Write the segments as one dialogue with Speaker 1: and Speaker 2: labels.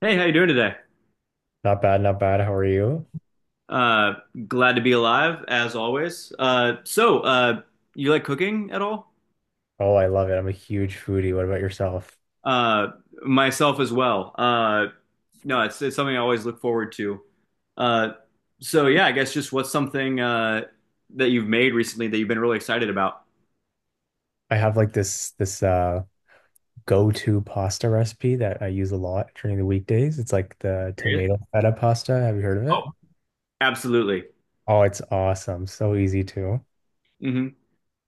Speaker 1: Hey, how you doing today?
Speaker 2: Not bad, not bad. How are you?
Speaker 1: Uh, glad to be alive as always. So, you like cooking at all?
Speaker 2: Oh, I love it. I'm a huge foodie. What about yourself?
Speaker 1: Uh, myself as well. No, it's something I always look forward to. Uh, so yeah, I guess just what's something that you've made recently that you've been really excited about?
Speaker 2: I have like this go-to pasta recipe that I use a lot during the weekdays. It's like the
Speaker 1: Curious?
Speaker 2: tomato feta pasta. Have you heard of it?
Speaker 1: Oh, absolutely.
Speaker 2: Oh, it's awesome. So easy too.
Speaker 1: Mm-hmm.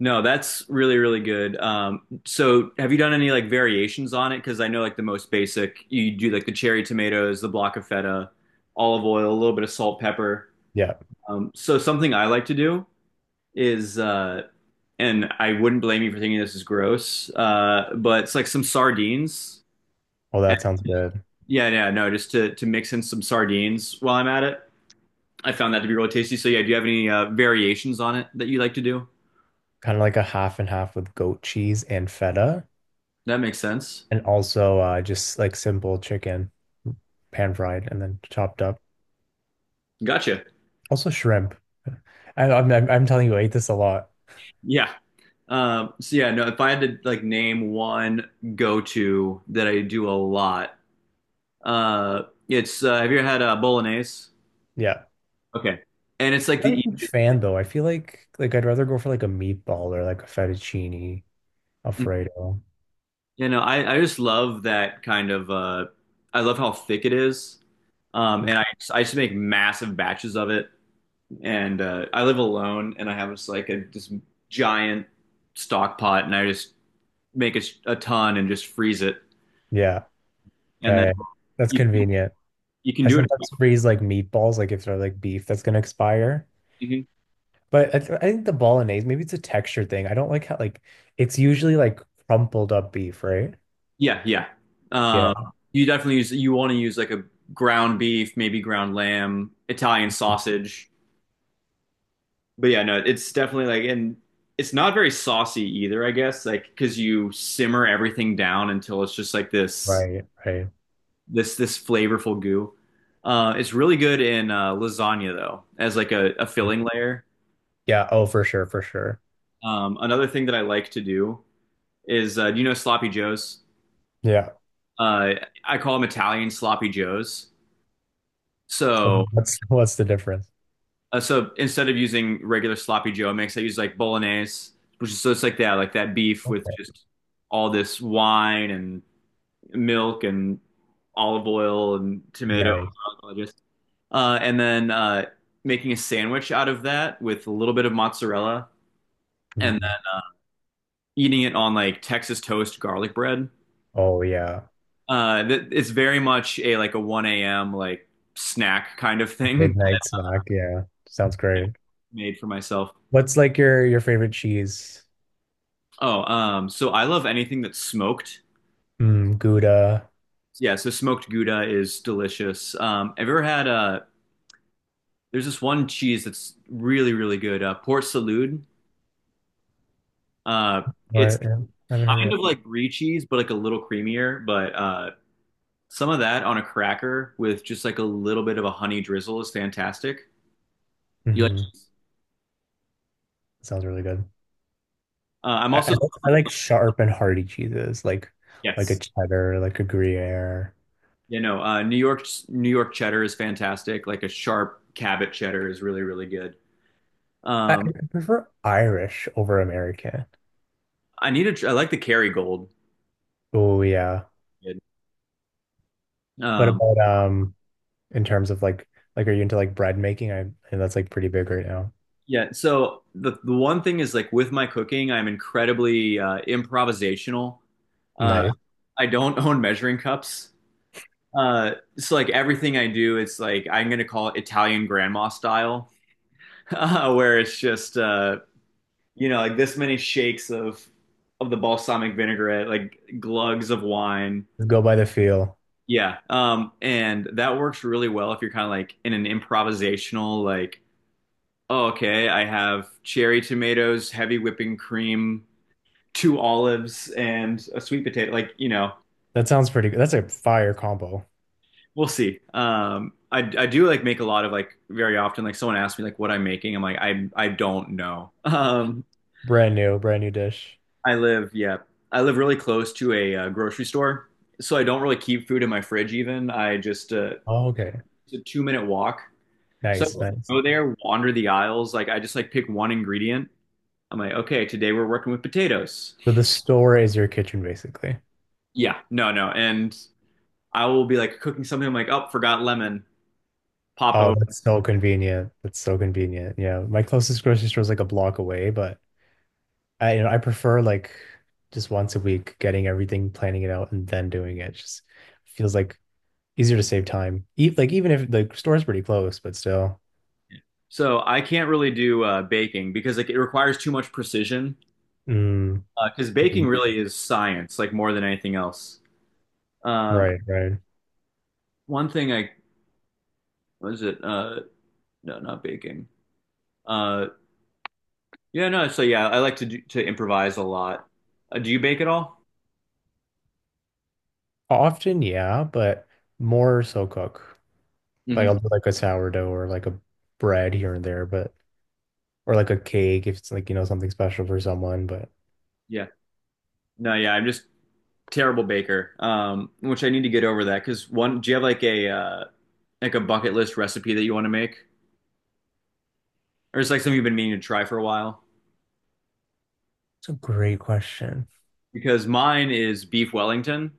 Speaker 1: No, that's really, really good. So have you done any like variations on it? Because I know like the most basic, you do like the cherry tomatoes, the block of feta, olive oil, a little bit of salt, pepper.
Speaker 2: Yeah.
Speaker 1: So something I like to do is, and I wouldn't blame you for thinking this is gross, but it's like some sardines.
Speaker 2: Oh,
Speaker 1: And
Speaker 2: that sounds good.
Speaker 1: yeah, yeah, no, just to mix in some sardines while I'm at it. I found that to be really tasty. So yeah, do you have any variations on it that you like to do?
Speaker 2: Kind of like a half and half with goat cheese and feta,
Speaker 1: That makes sense.
Speaker 2: and also just like simple chicken, pan fried and then chopped up.
Speaker 1: Gotcha.
Speaker 2: Also shrimp. I'm telling you, I eat this a lot.
Speaker 1: Yeah. So yeah, no, if I had to like name one go-to that I do a lot, it's have you ever had bolognese?
Speaker 2: Yeah.
Speaker 1: Okay. And it's like
Speaker 2: Not a huge fan though. I feel like I'd rather go for like a meatball or like a fettuccine Alfredo.
Speaker 1: you know, I just love that kind of. I love how thick it is. And I just make massive batches of it. And I live alone and I have just like this giant stock pot and I just make a ton and just freeze it.
Speaker 2: Yeah,
Speaker 1: And
Speaker 2: yeah,
Speaker 1: then
Speaker 2: yeah. That's
Speaker 1: you,
Speaker 2: convenient.
Speaker 1: you can
Speaker 2: I
Speaker 1: do it.
Speaker 2: sometimes freeze like meatballs, like if they're like beef that's gonna expire.
Speaker 1: Mhm.
Speaker 2: But I think the bolognese, maybe it's a texture thing. I don't like how like it's usually like crumpled up beef, right?
Speaker 1: Yeah, yeah. Um,
Speaker 2: Yeah,
Speaker 1: you definitely use you want to use like a ground beef, maybe ground lamb, Italian sausage. But yeah, no, it's definitely like, and it's not very saucy either, I guess, like because you simmer everything down until it's just like this
Speaker 2: right, right.
Speaker 1: this this flavorful goo. It's really good in lasagna though, as like a filling layer.
Speaker 2: Yeah, oh for sure, for sure.
Speaker 1: Another thing that I like to do is, do you know Sloppy Joes?
Speaker 2: Yeah.
Speaker 1: Uh, I call them Italian Sloppy Joes.
Speaker 2: So
Speaker 1: So.
Speaker 2: what's what's the difference?
Speaker 1: So instead of using regular sloppy Joe mix, I use like bolognese, which is so it's like that beef with just all this wine and milk and olive oil and tomato.
Speaker 2: Nice.
Speaker 1: And then making a sandwich out of that with a little bit of mozzarella and
Speaker 2: Mm.
Speaker 1: then eating it on like Texas toast garlic bread.
Speaker 2: Oh yeah.
Speaker 1: Uh, it's very much a like a 1 a.m. like snack kind of thing I
Speaker 2: Midnight snack, yeah. Sounds great.
Speaker 1: made for myself.
Speaker 2: What's like your favorite cheese?
Speaker 1: Oh, so I love anything that's smoked.
Speaker 2: Mm, Gouda.
Speaker 1: Yeah, so smoked Gouda is delicious. Have you ever had a. There's this one cheese that's really, really good, Port Salut. Uh it's
Speaker 2: What? Yeah, I haven't heard of
Speaker 1: kind of
Speaker 2: it.
Speaker 1: like brie cheese, but like a little creamier, but some of that on a cracker with just like a little bit of a honey drizzle is fantastic. You like.
Speaker 2: Hmm. Sounds really good.
Speaker 1: I'm
Speaker 2: I, I
Speaker 1: also.
Speaker 2: like I like sharp and hearty cheeses, like a
Speaker 1: Yes.
Speaker 2: cheddar, like a Gruyere.
Speaker 1: You know, New York cheddar is fantastic. Like a sharp Cabot cheddar is really, really good.
Speaker 2: I
Speaker 1: Um
Speaker 2: prefer Irish over American.
Speaker 1: I need a. I like the Kerrygold.
Speaker 2: Oh yeah. What
Speaker 1: Um
Speaker 2: about in terms of like are you into like bread making? I and that's like pretty big right now.
Speaker 1: Yeah, so the one thing is like with my cooking, I'm incredibly improvisational. Uh,
Speaker 2: Nice.
Speaker 1: I don't own measuring cups. Uh, so like everything I do, it's like I'm gonna call it Italian grandma style, where it's just you know like this many shakes of the balsamic vinaigrette, like glugs of wine.
Speaker 2: Go by the feel.
Speaker 1: Yeah, and that works really well if you're kind of like in an improvisational like, oh, okay, I have cherry tomatoes, heavy whipping cream. Two olives and a sweet potato. Like,
Speaker 2: That sounds pretty good. That's a fire combo.
Speaker 1: we'll see. I do like make a lot of like very often, like someone asks me like what I'm making. I'm like, I don't know.
Speaker 2: Brand new dish.
Speaker 1: I live, yeah, I live really close to a, grocery store. So I don't really keep food in my fridge even. I just,
Speaker 2: Oh, okay.
Speaker 1: it's a 2-minute walk. So
Speaker 2: Nice,
Speaker 1: I
Speaker 2: nice.
Speaker 1: go there, wander the aisles. Like I just like pick one ingredient. I'm like, okay, today we're working with potatoes.
Speaker 2: So the store is your kitchen, basically.
Speaker 1: Yeah, no, no. And I will be like cooking something. I'm like, oh, forgot lemon. Pop
Speaker 2: Oh,
Speaker 1: over.
Speaker 2: that's so convenient. That's so convenient. Yeah, my closest grocery store is like a block away, but I, you know, I prefer like just once a week getting everything, planning it out, and then doing it. Just feels like easier to save time. E like even if the store's pretty close, but still.
Speaker 1: So I can't really do baking because like it requires too much precision.
Speaker 2: Mm,
Speaker 1: Because baking
Speaker 2: mhm.
Speaker 1: really is science, like more than anything else. Um
Speaker 2: Right, right.
Speaker 1: One thing I. What is it? No, not baking. Uh, yeah, no. So yeah, I like to improvise a lot. Do you bake at all?
Speaker 2: Often, yeah, but more so cook. Like
Speaker 1: Hmm.
Speaker 2: I'll do like a sourdough or like a bread here and there, but or like a cake if it's like, you know, something special for someone, but.
Speaker 1: Yeah. No, yeah. I'm just terrible baker. Which I need to get over that. Because one, do you have like a bucket list recipe that you want to make, or is like something you've been meaning to try for a while?
Speaker 2: It's a great question.
Speaker 1: Because mine is beef Wellington.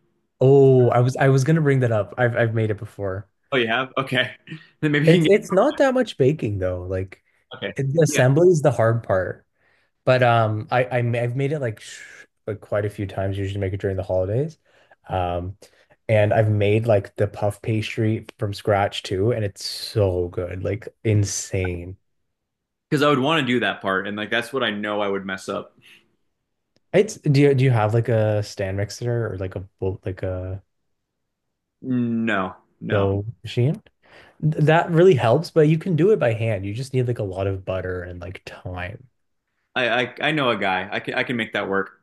Speaker 2: Oh, I was gonna bring that up. I've made it before.
Speaker 1: Oh, you have? Okay. Then maybe you can
Speaker 2: It's
Speaker 1: get,
Speaker 2: it's not that much baking though. Like
Speaker 1: okay.
Speaker 2: it, the
Speaker 1: Yeah.
Speaker 2: assembly is the hard part. But I've made it like sh like quite a few times. Usually make it during the holidays. Um, and I've made like the puff pastry from scratch too, and it's so good, like insane.
Speaker 1: Because I would want to do that part, and like that's what I know I would mess up.
Speaker 2: It's do you have like a stand mixer or like a bowl like a
Speaker 1: No, no.
Speaker 2: dough machine? That really helps, but you can do it by hand. You just need like a lot of butter and like time.
Speaker 1: I know a guy. I can make that work.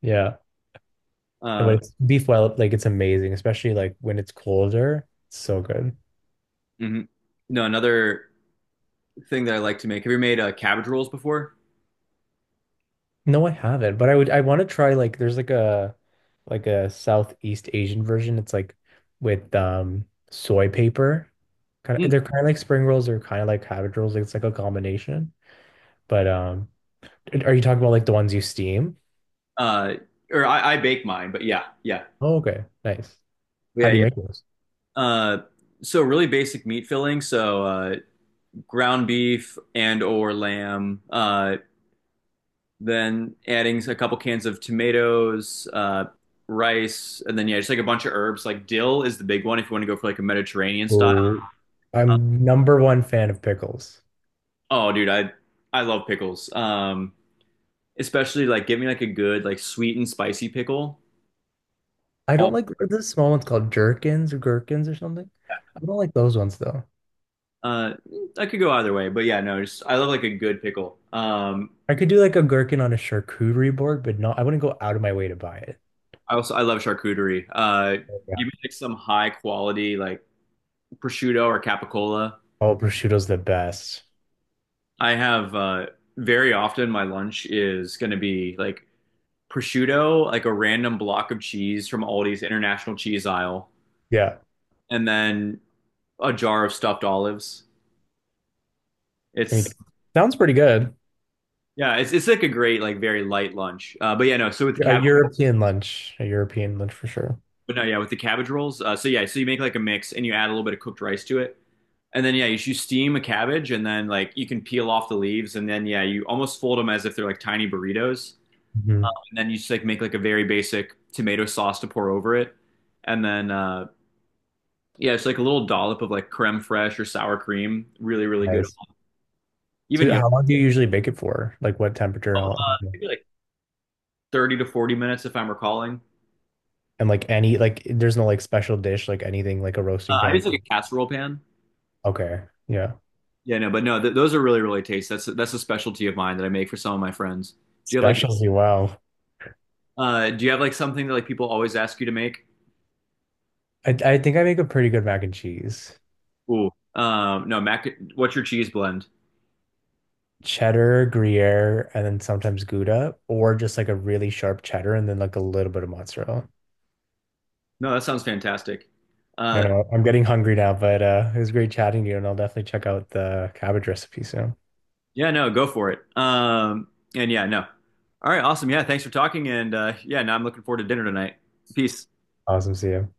Speaker 2: Yeah. But
Speaker 1: Uh,
Speaker 2: it's beef well, like it's amazing, especially like when it's colder. It's so good.
Speaker 1: mhm. No, another thing that I like to make. Have you made cabbage rolls before?
Speaker 2: No, I haven't, but I would I want to try like there's like a Southeast Asian version. It's like with soy paper. Kind of
Speaker 1: Mm.
Speaker 2: they're kind of like spring rolls, they're kind of like cabbage rolls. Like it's like a combination. But are you talking about like the ones you steam?
Speaker 1: Uh, or I bake mine, but yeah, yeah,
Speaker 2: Oh, okay. Nice. How
Speaker 1: yeah,
Speaker 2: do you
Speaker 1: yeah.
Speaker 2: make those?
Speaker 1: Uh, so really basic meat filling. So ground beef and or lamb. Then adding a couple cans of tomatoes, rice, and then yeah, just like a bunch of herbs. Like dill is the big one if you want to go for like a Mediterranean style.
Speaker 2: Oh,
Speaker 1: Um,
Speaker 2: I'm number one fan of pickles.
Speaker 1: oh, dude, I love pickles. Especially like give me like a good like sweet and spicy pickle.
Speaker 2: I
Speaker 1: All
Speaker 2: don't like are the small ones called jerkins or gherkins or something. I don't like those ones though.
Speaker 1: uh, I could go either way, but yeah, no, just I love like a good pickle.
Speaker 2: I could do like a gherkin on a charcuterie board, but not, I wouldn't go out of my way to buy it.
Speaker 1: I also, I love charcuterie. Uh,
Speaker 2: Yeah.
Speaker 1: give me like some high quality like prosciutto or capicola.
Speaker 2: Oh, prosciutto's the best.
Speaker 1: I have very often my lunch is going to be like prosciutto, like a random block of cheese from Aldi's international cheese aisle,
Speaker 2: Yeah.
Speaker 1: and then a jar of stuffed olives.
Speaker 2: I mean,
Speaker 1: It's
Speaker 2: sounds pretty good.
Speaker 1: Yeah, it's like a great like very light lunch. But yeah, no. So with the
Speaker 2: Yeah,
Speaker 1: cabbage,
Speaker 2: A European lunch for sure.
Speaker 1: no, yeah, with the cabbage rolls. So yeah, so you make like a mix and you add a little bit of cooked rice to it, and then yeah, you steam a cabbage and then like you can peel off the leaves and then yeah, you almost fold them as if they're like tiny burritos,
Speaker 2: Mhm.
Speaker 1: and then you just like make like a very basic tomato sauce to pour over it, and then yeah, it's like a little dollop of like creme fraiche or sour cream. Really, really good.
Speaker 2: Nice.
Speaker 1: Even
Speaker 2: So how
Speaker 1: yolk,
Speaker 2: long do you usually bake it for? Like what temperature?
Speaker 1: uh,
Speaker 2: How long?
Speaker 1: maybe like 30 to 40 minutes if I'm recalling.
Speaker 2: And like any, like there's no like special dish, like anything like a
Speaker 1: Uh,
Speaker 2: roasting
Speaker 1: I use
Speaker 2: pan.
Speaker 1: like a casserole pan.
Speaker 2: Okay. Yeah.
Speaker 1: Yeah, no, but no, th those are really, really tasty. That's a specialty of mine that I make for some of my friends. Do you have like
Speaker 2: Specialty, wow.
Speaker 1: do you have like something that like people always ask you to make?
Speaker 2: I think I make a pretty good mac and cheese.
Speaker 1: Ooh. No, mac what's your cheese blend?
Speaker 2: Cheddar, Gruyere, and then sometimes Gouda, or just like a really sharp cheddar and then like a little bit of mozzarella.
Speaker 1: No, that sounds fantastic.
Speaker 2: I
Speaker 1: Uh
Speaker 2: know I'm getting hungry now, but it was great chatting to you, and I'll definitely check out the cabbage recipe soon.
Speaker 1: yeah, no, go for it. And yeah, no. All right, awesome. Yeah, thanks for talking and yeah, now I'm looking forward to dinner tonight. Peace.
Speaker 2: Awesome, see you.